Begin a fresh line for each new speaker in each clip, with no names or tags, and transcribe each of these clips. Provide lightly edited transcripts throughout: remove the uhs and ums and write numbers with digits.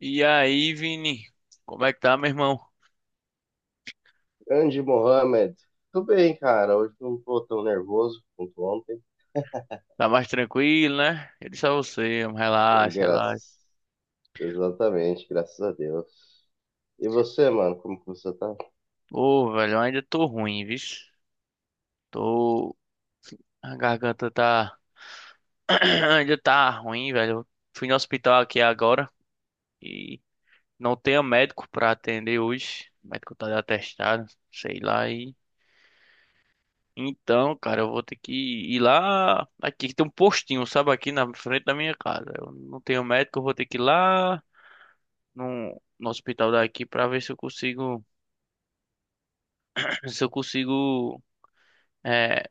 E aí, Vini? Como é que tá, meu irmão?
Andy Mohamed, tudo bem, cara? Hoje não tô tão nervoso quanto ontem.
Tá mais tranquilo, né? Eu disse a você, relaxa, relaxa.
Graças, exatamente, graças a Deus. E você, mano, como que você tá?
Pô, velho, eu ainda tô ruim, viu? Tô. A garganta tá. Ainda tá ruim, velho. Eu fui no hospital aqui agora e não tenho médico pra atender hoje. O médico tá de atestado, sei lá. E... Então, cara, eu vou ter que ir lá. Aqui tem um postinho, sabe? Aqui na frente da minha casa. Eu não tenho médico, eu vou ter que ir lá no hospital daqui para ver se eu consigo, se eu consigo, é,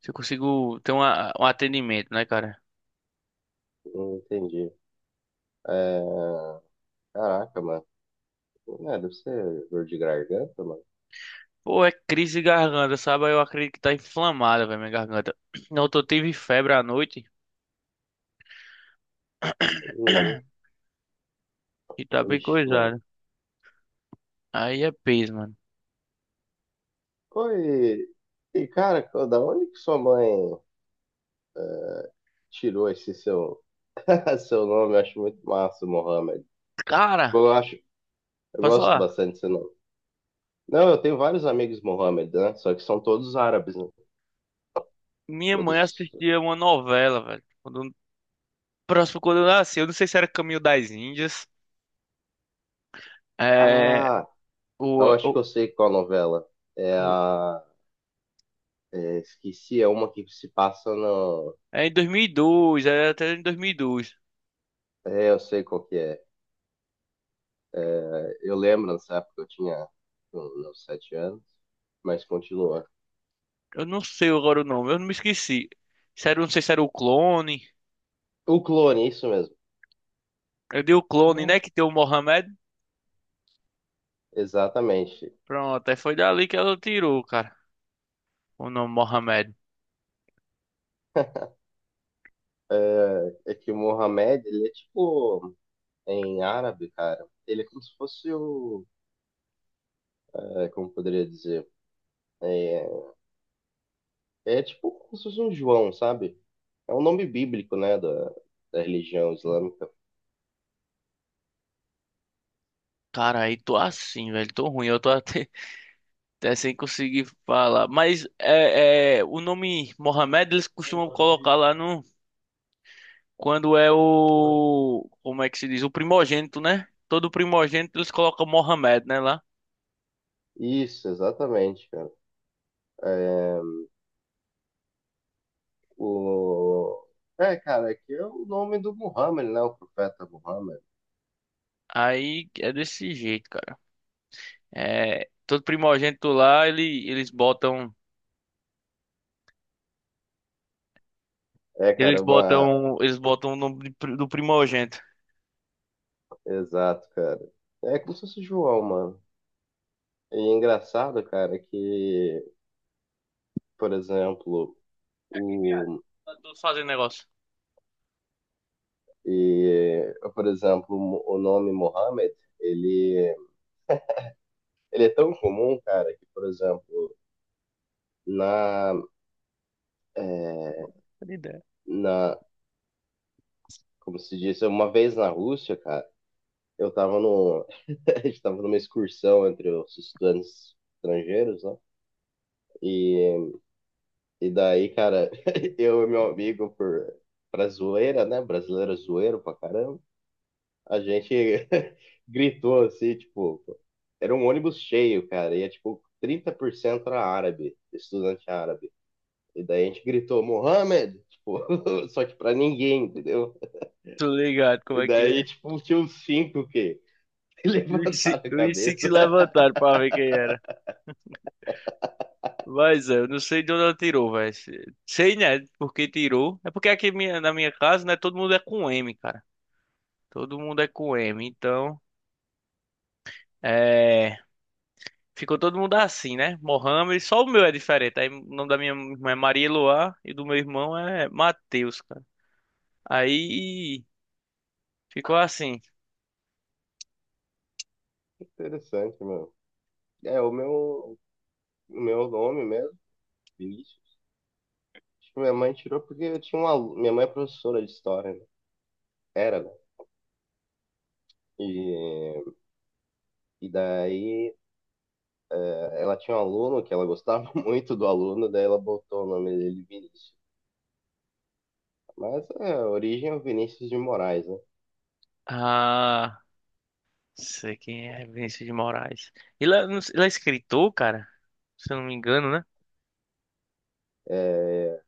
se eu consigo ter um atendimento, né, cara?
Não entendi. É... Caraca, mano. É, deve ser dor de garganta, mano.
Pô, é crise de garganta, sabe? Eu acredito que tá inflamada, velho, minha garganta. Não, eu tive febre à noite
Uhum.
e tá bem
Ixi, mano.
coisado. Aí é peso, mano.
Pô, e, cara, da onde que sua mãe é, tirou esse seu, seu nome? Eu acho muito massa, Mohamed. Tipo,
Cara,
eu acho, eu
posso
gosto
falar?
bastante desse nome. Não, eu tenho vários amigos Mohammed, né? Só que são todos árabes, né?
Minha mãe
Todos.
assistia uma novela, velho. Quando, próximo quando eu nasci, eu não sei se era Caminho das Índias. É,
Ah,
o,
eu acho que
o,
eu sei qual novela. É
o-
a. Esqueci, é uma que se passa no.
é em 2002, era até em 2002.
É, eu sei qual que é. É, eu lembro nessa época eu tinha uns 7 anos, mas continua.
Eu não sei agora o nome, eu não me esqueci. Se era, um, não sei se era o clone.
O clone, isso mesmo.
Eu dei o clone, né? Que tem o Mohamed.
Exatamente.
Pronto, aí foi dali que ela tirou, cara. O nome Mohamed.
É que o Mohamed, ele é tipo, em árabe, cara, ele é como se fosse o, como poderia dizer, É, tipo como se fosse um João, sabe? É um nome bíblico, né, da, da religião islâmica.
Cara, aí tô assim, velho. Tô ruim, eu tô até, até sem conseguir falar. Mas o nome Mohamed eles costumam colocar lá no. Quando é o. Como é que se diz? O primogênito, né? Todo primogênito eles colocam Mohamed, né? Lá.
Isso, exatamente, cara. É, o... É, cara, é que é o nome do Muhammad, né, o profeta Muhammad.
Aí é desse jeito, cara. É, todo primogênito lá, ele, eles botam.
É,
Eles
cara, uma...
botam, eles botam o nome de do primogênito.
Exato, cara. É como se fosse João, mano. E é engraçado, cara, que, por exemplo,
Aqui, viado.
o...
Tá todos fazendo negócio.
E, por exemplo, o nome Muhammad, ele, ele é tão comum, cara, que, por exemplo, na, é,
Pô, que ideia.
na, como se diz, uma vez na Rússia, cara, eu tava no, a gente tava numa excursão entre os estudantes estrangeiros, né? E, e daí, cara, eu e meu amigo, pra zoeira, né? Brasileiro é zoeiro pra caramba, a gente gritou assim, tipo, era um ônibus cheio, cara, e é tipo 30% era árabe, estudante árabe. E daí a gente gritou, Mohamed! Tipo, só que pra ninguém, entendeu?
Tô ligado como
E
é que
daí,
é.
tipo, tinha uns cinco que
E
levantaram a
os cinco se
cabeça.
levantaram pra ver quem era. Mas é, eu não sei de onde ela tirou, velho. Sei, né? Porque tirou. É porque aqui na minha casa, né? Todo mundo é com M, cara. Todo mundo é com M. Então, é. Ficou todo mundo assim, né? Mohamed, só o meu é diferente. Aí o nome da minha irmã é Maria Eloá e do meu irmão é Matheus, cara. Aí ficou assim.
Interessante, mano. É, o meu nome mesmo, Vinícius. Tipo, minha mãe tirou porque eu tinha Minha mãe é professora de história, né? Era, né? E, e daí ela tinha um aluno que ela gostava muito do aluno, daí ela botou o nome dele Vinícius. Mas é, a origem é o Vinícius de Moraes, né?
Ah, sei quem é Vinícius de Moraes. Ele é, não sei- ele é escritor, cara? Se eu não me engano, né?
Eh,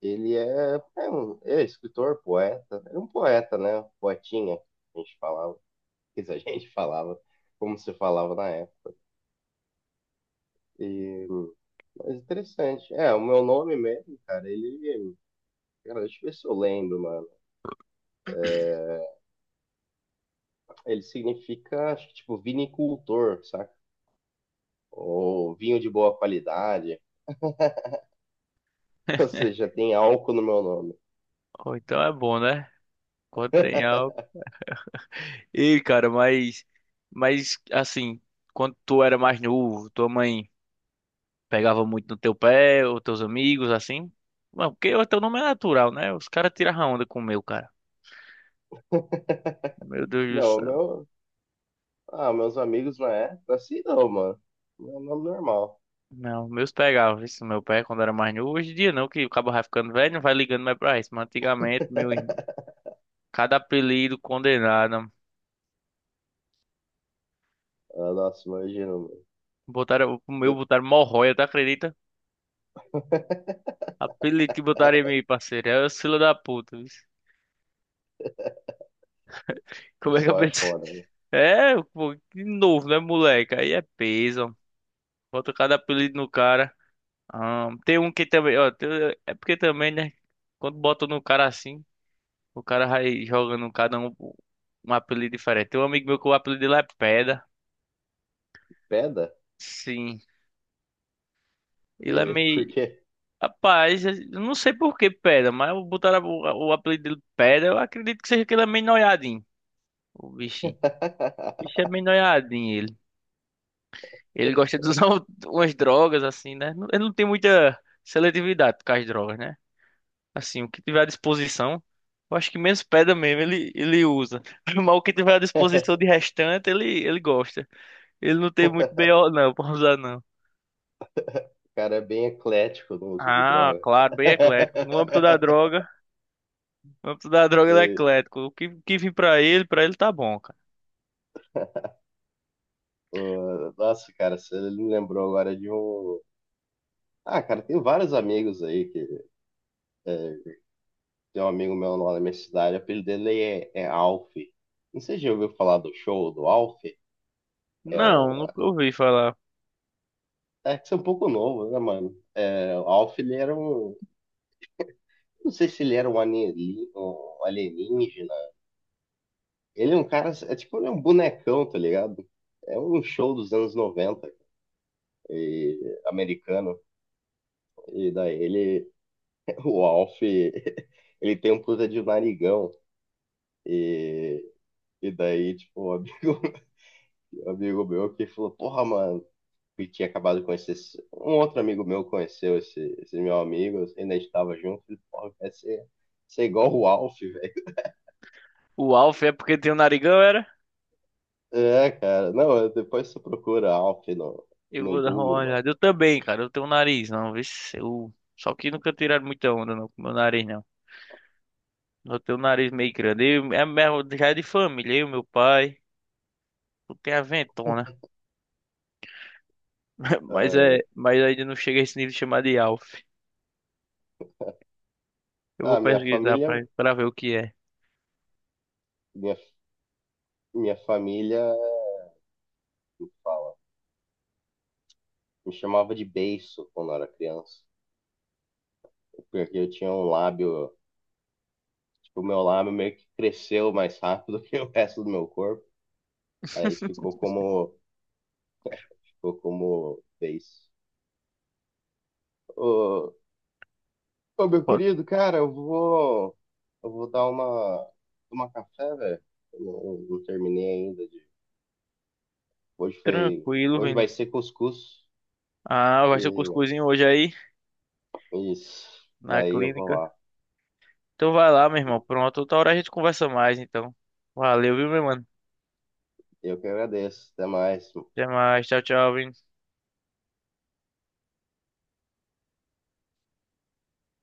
Ele é escritor, poeta. Era um poeta, né? Poetinha, que a gente falava. Quer dizer, a gente falava como se falava na época. E, mas interessante. É, o meu nome mesmo, cara, ele. Cara, deixa eu ver se eu lembro, mano. Ele significa, acho que, tipo, vinicultor, saca? Ou vinho de boa qualidade. Ou seja, tem álcool no meu nome.
Ou então é bom, né? Quando tem algo. E, cara, mas. Mas, assim, quando tu era mais novo, tua mãe pegava muito no teu pé, ou teus amigos, assim? Não, porque o teu nome é natural, né? Os caras tiravam onda com o meu, cara. Meu Deus do
Não, o
céu.
meu. Ah, meus amigos não é? Assim não, mano. Meu nome normal.
Não, meus pegavam isso no meu pé quando era mais novo. Hoje em dia não, que o cabo vai ficando velho, não vai ligando mais pra isso. Mas antigamente, meu irmão. Cada apelido condenado.
Ah, nossa, imagina, mano.
Botaram, o meu
Eu-
botaram Morroia, tu acredita? Apelido que botaram em mim, parceiro. É o fila da puta. Vixe. Como é que eu
Só é
pensei?
foda, né?
É, pô, de novo, né, moleque? Aí é peso. Bota cada apelido no cara. Ah, tem um que também, ó. É porque também, né? Quando bota no cara assim, o cara vai jogando cada um um apelido diferente. Tem um amigo meu que o apelido dele é Pedra.
Peda?
Sim. Ele é
Por
meio.
quê?
Rapaz, eu não sei por que Pedra, mas botaram o apelido dele de Pedra. Eu acredito que seja que ele é meio noiadinho, o bichinho. O bicho é meio noiadinho, ele. Ele gosta de usar umas drogas, assim, né? Ele não tem muita seletividade com as drogas, né? Assim, o que tiver à disposição, eu acho que menos Pedra mesmo ele usa. Mas o que tiver à disposição de restante, ele gosta. Ele não tem muito BO, não, pra usar, não.
cara é bem eclético no uso de
Ah,
drogas.
claro, bem eclético. No âmbito da droga. Vamos dar a droga do
E,
eclético. O que vim pra ele tá bom, cara.
pô, nossa, cara, você me lembrou agora de um. Ah, cara, tem vários amigos aí que. é, Tem um amigo meu lá na minha cidade, o apelido dele é Alf. Não sei se já ouviu falar do show do Alf. É
Não,
um.
nunca ouvi falar.
É que você é um pouco novo, né, mano? É, o Alf, ele era um. Não sei se ele era um alienígena. Ele é um cara. É tipo, ele é um bonecão, tá ligado? É um show dos anos 90. Americano. E daí ele, o Alf, ele tem um puta de narigão. E, e daí, tipo, um amigo, um amigo meu que falou, porra, mano, que tinha acabado de conhecer. Um outro amigo meu conheceu esse, meu amigo, ainda estava junto. Ele, falou, porra, quer ser igual o Alf, velho.
O Alf é porque tem um narigão, era?
É, cara, não, depois você procura Alf no,
Eu
no
vou dar uma
Google, mano.
olhada. Eu também, cara. Eu tenho um nariz, não. Vê se eu... Só que nunca tiraram muita onda não, com meu nariz, não. Eu tenho um nariz meio grande. Eu, é, mesmo- já é de família, eu, meu pai. Eu tenho a ventona. Mas, é, mas ainda não chega a esse nível de chamar de Alf. Eu
Ah,
vou
ah, minha
pesquisar
família,
pra ver o que é.
minha, minha família fala me chamava de beiço quando eu era criança, porque eu tinha um lábio, tipo, o meu lábio meio que cresceu mais rápido que o resto do meu corpo. Aí ficou como beiço. Ô, ô, meu
Pode ser
querido, cara, eu vou dar uma, tomar café, velho. Eu não terminei ainda de, hoje foi,
tranquilo,
hoje
velho.
vai ser cuscuz
Ah, vai ser o
e
cuscuzinho hoje aí,
isso.
na
Daí eu vou
clínica.
lá.
Então vai lá, meu irmão. Pronto, outra hora a gente conversa mais, então. Valeu, viu, meu mano?
Eu que agradeço. Até mais.
Até mais. Tchau, tchau. Vini.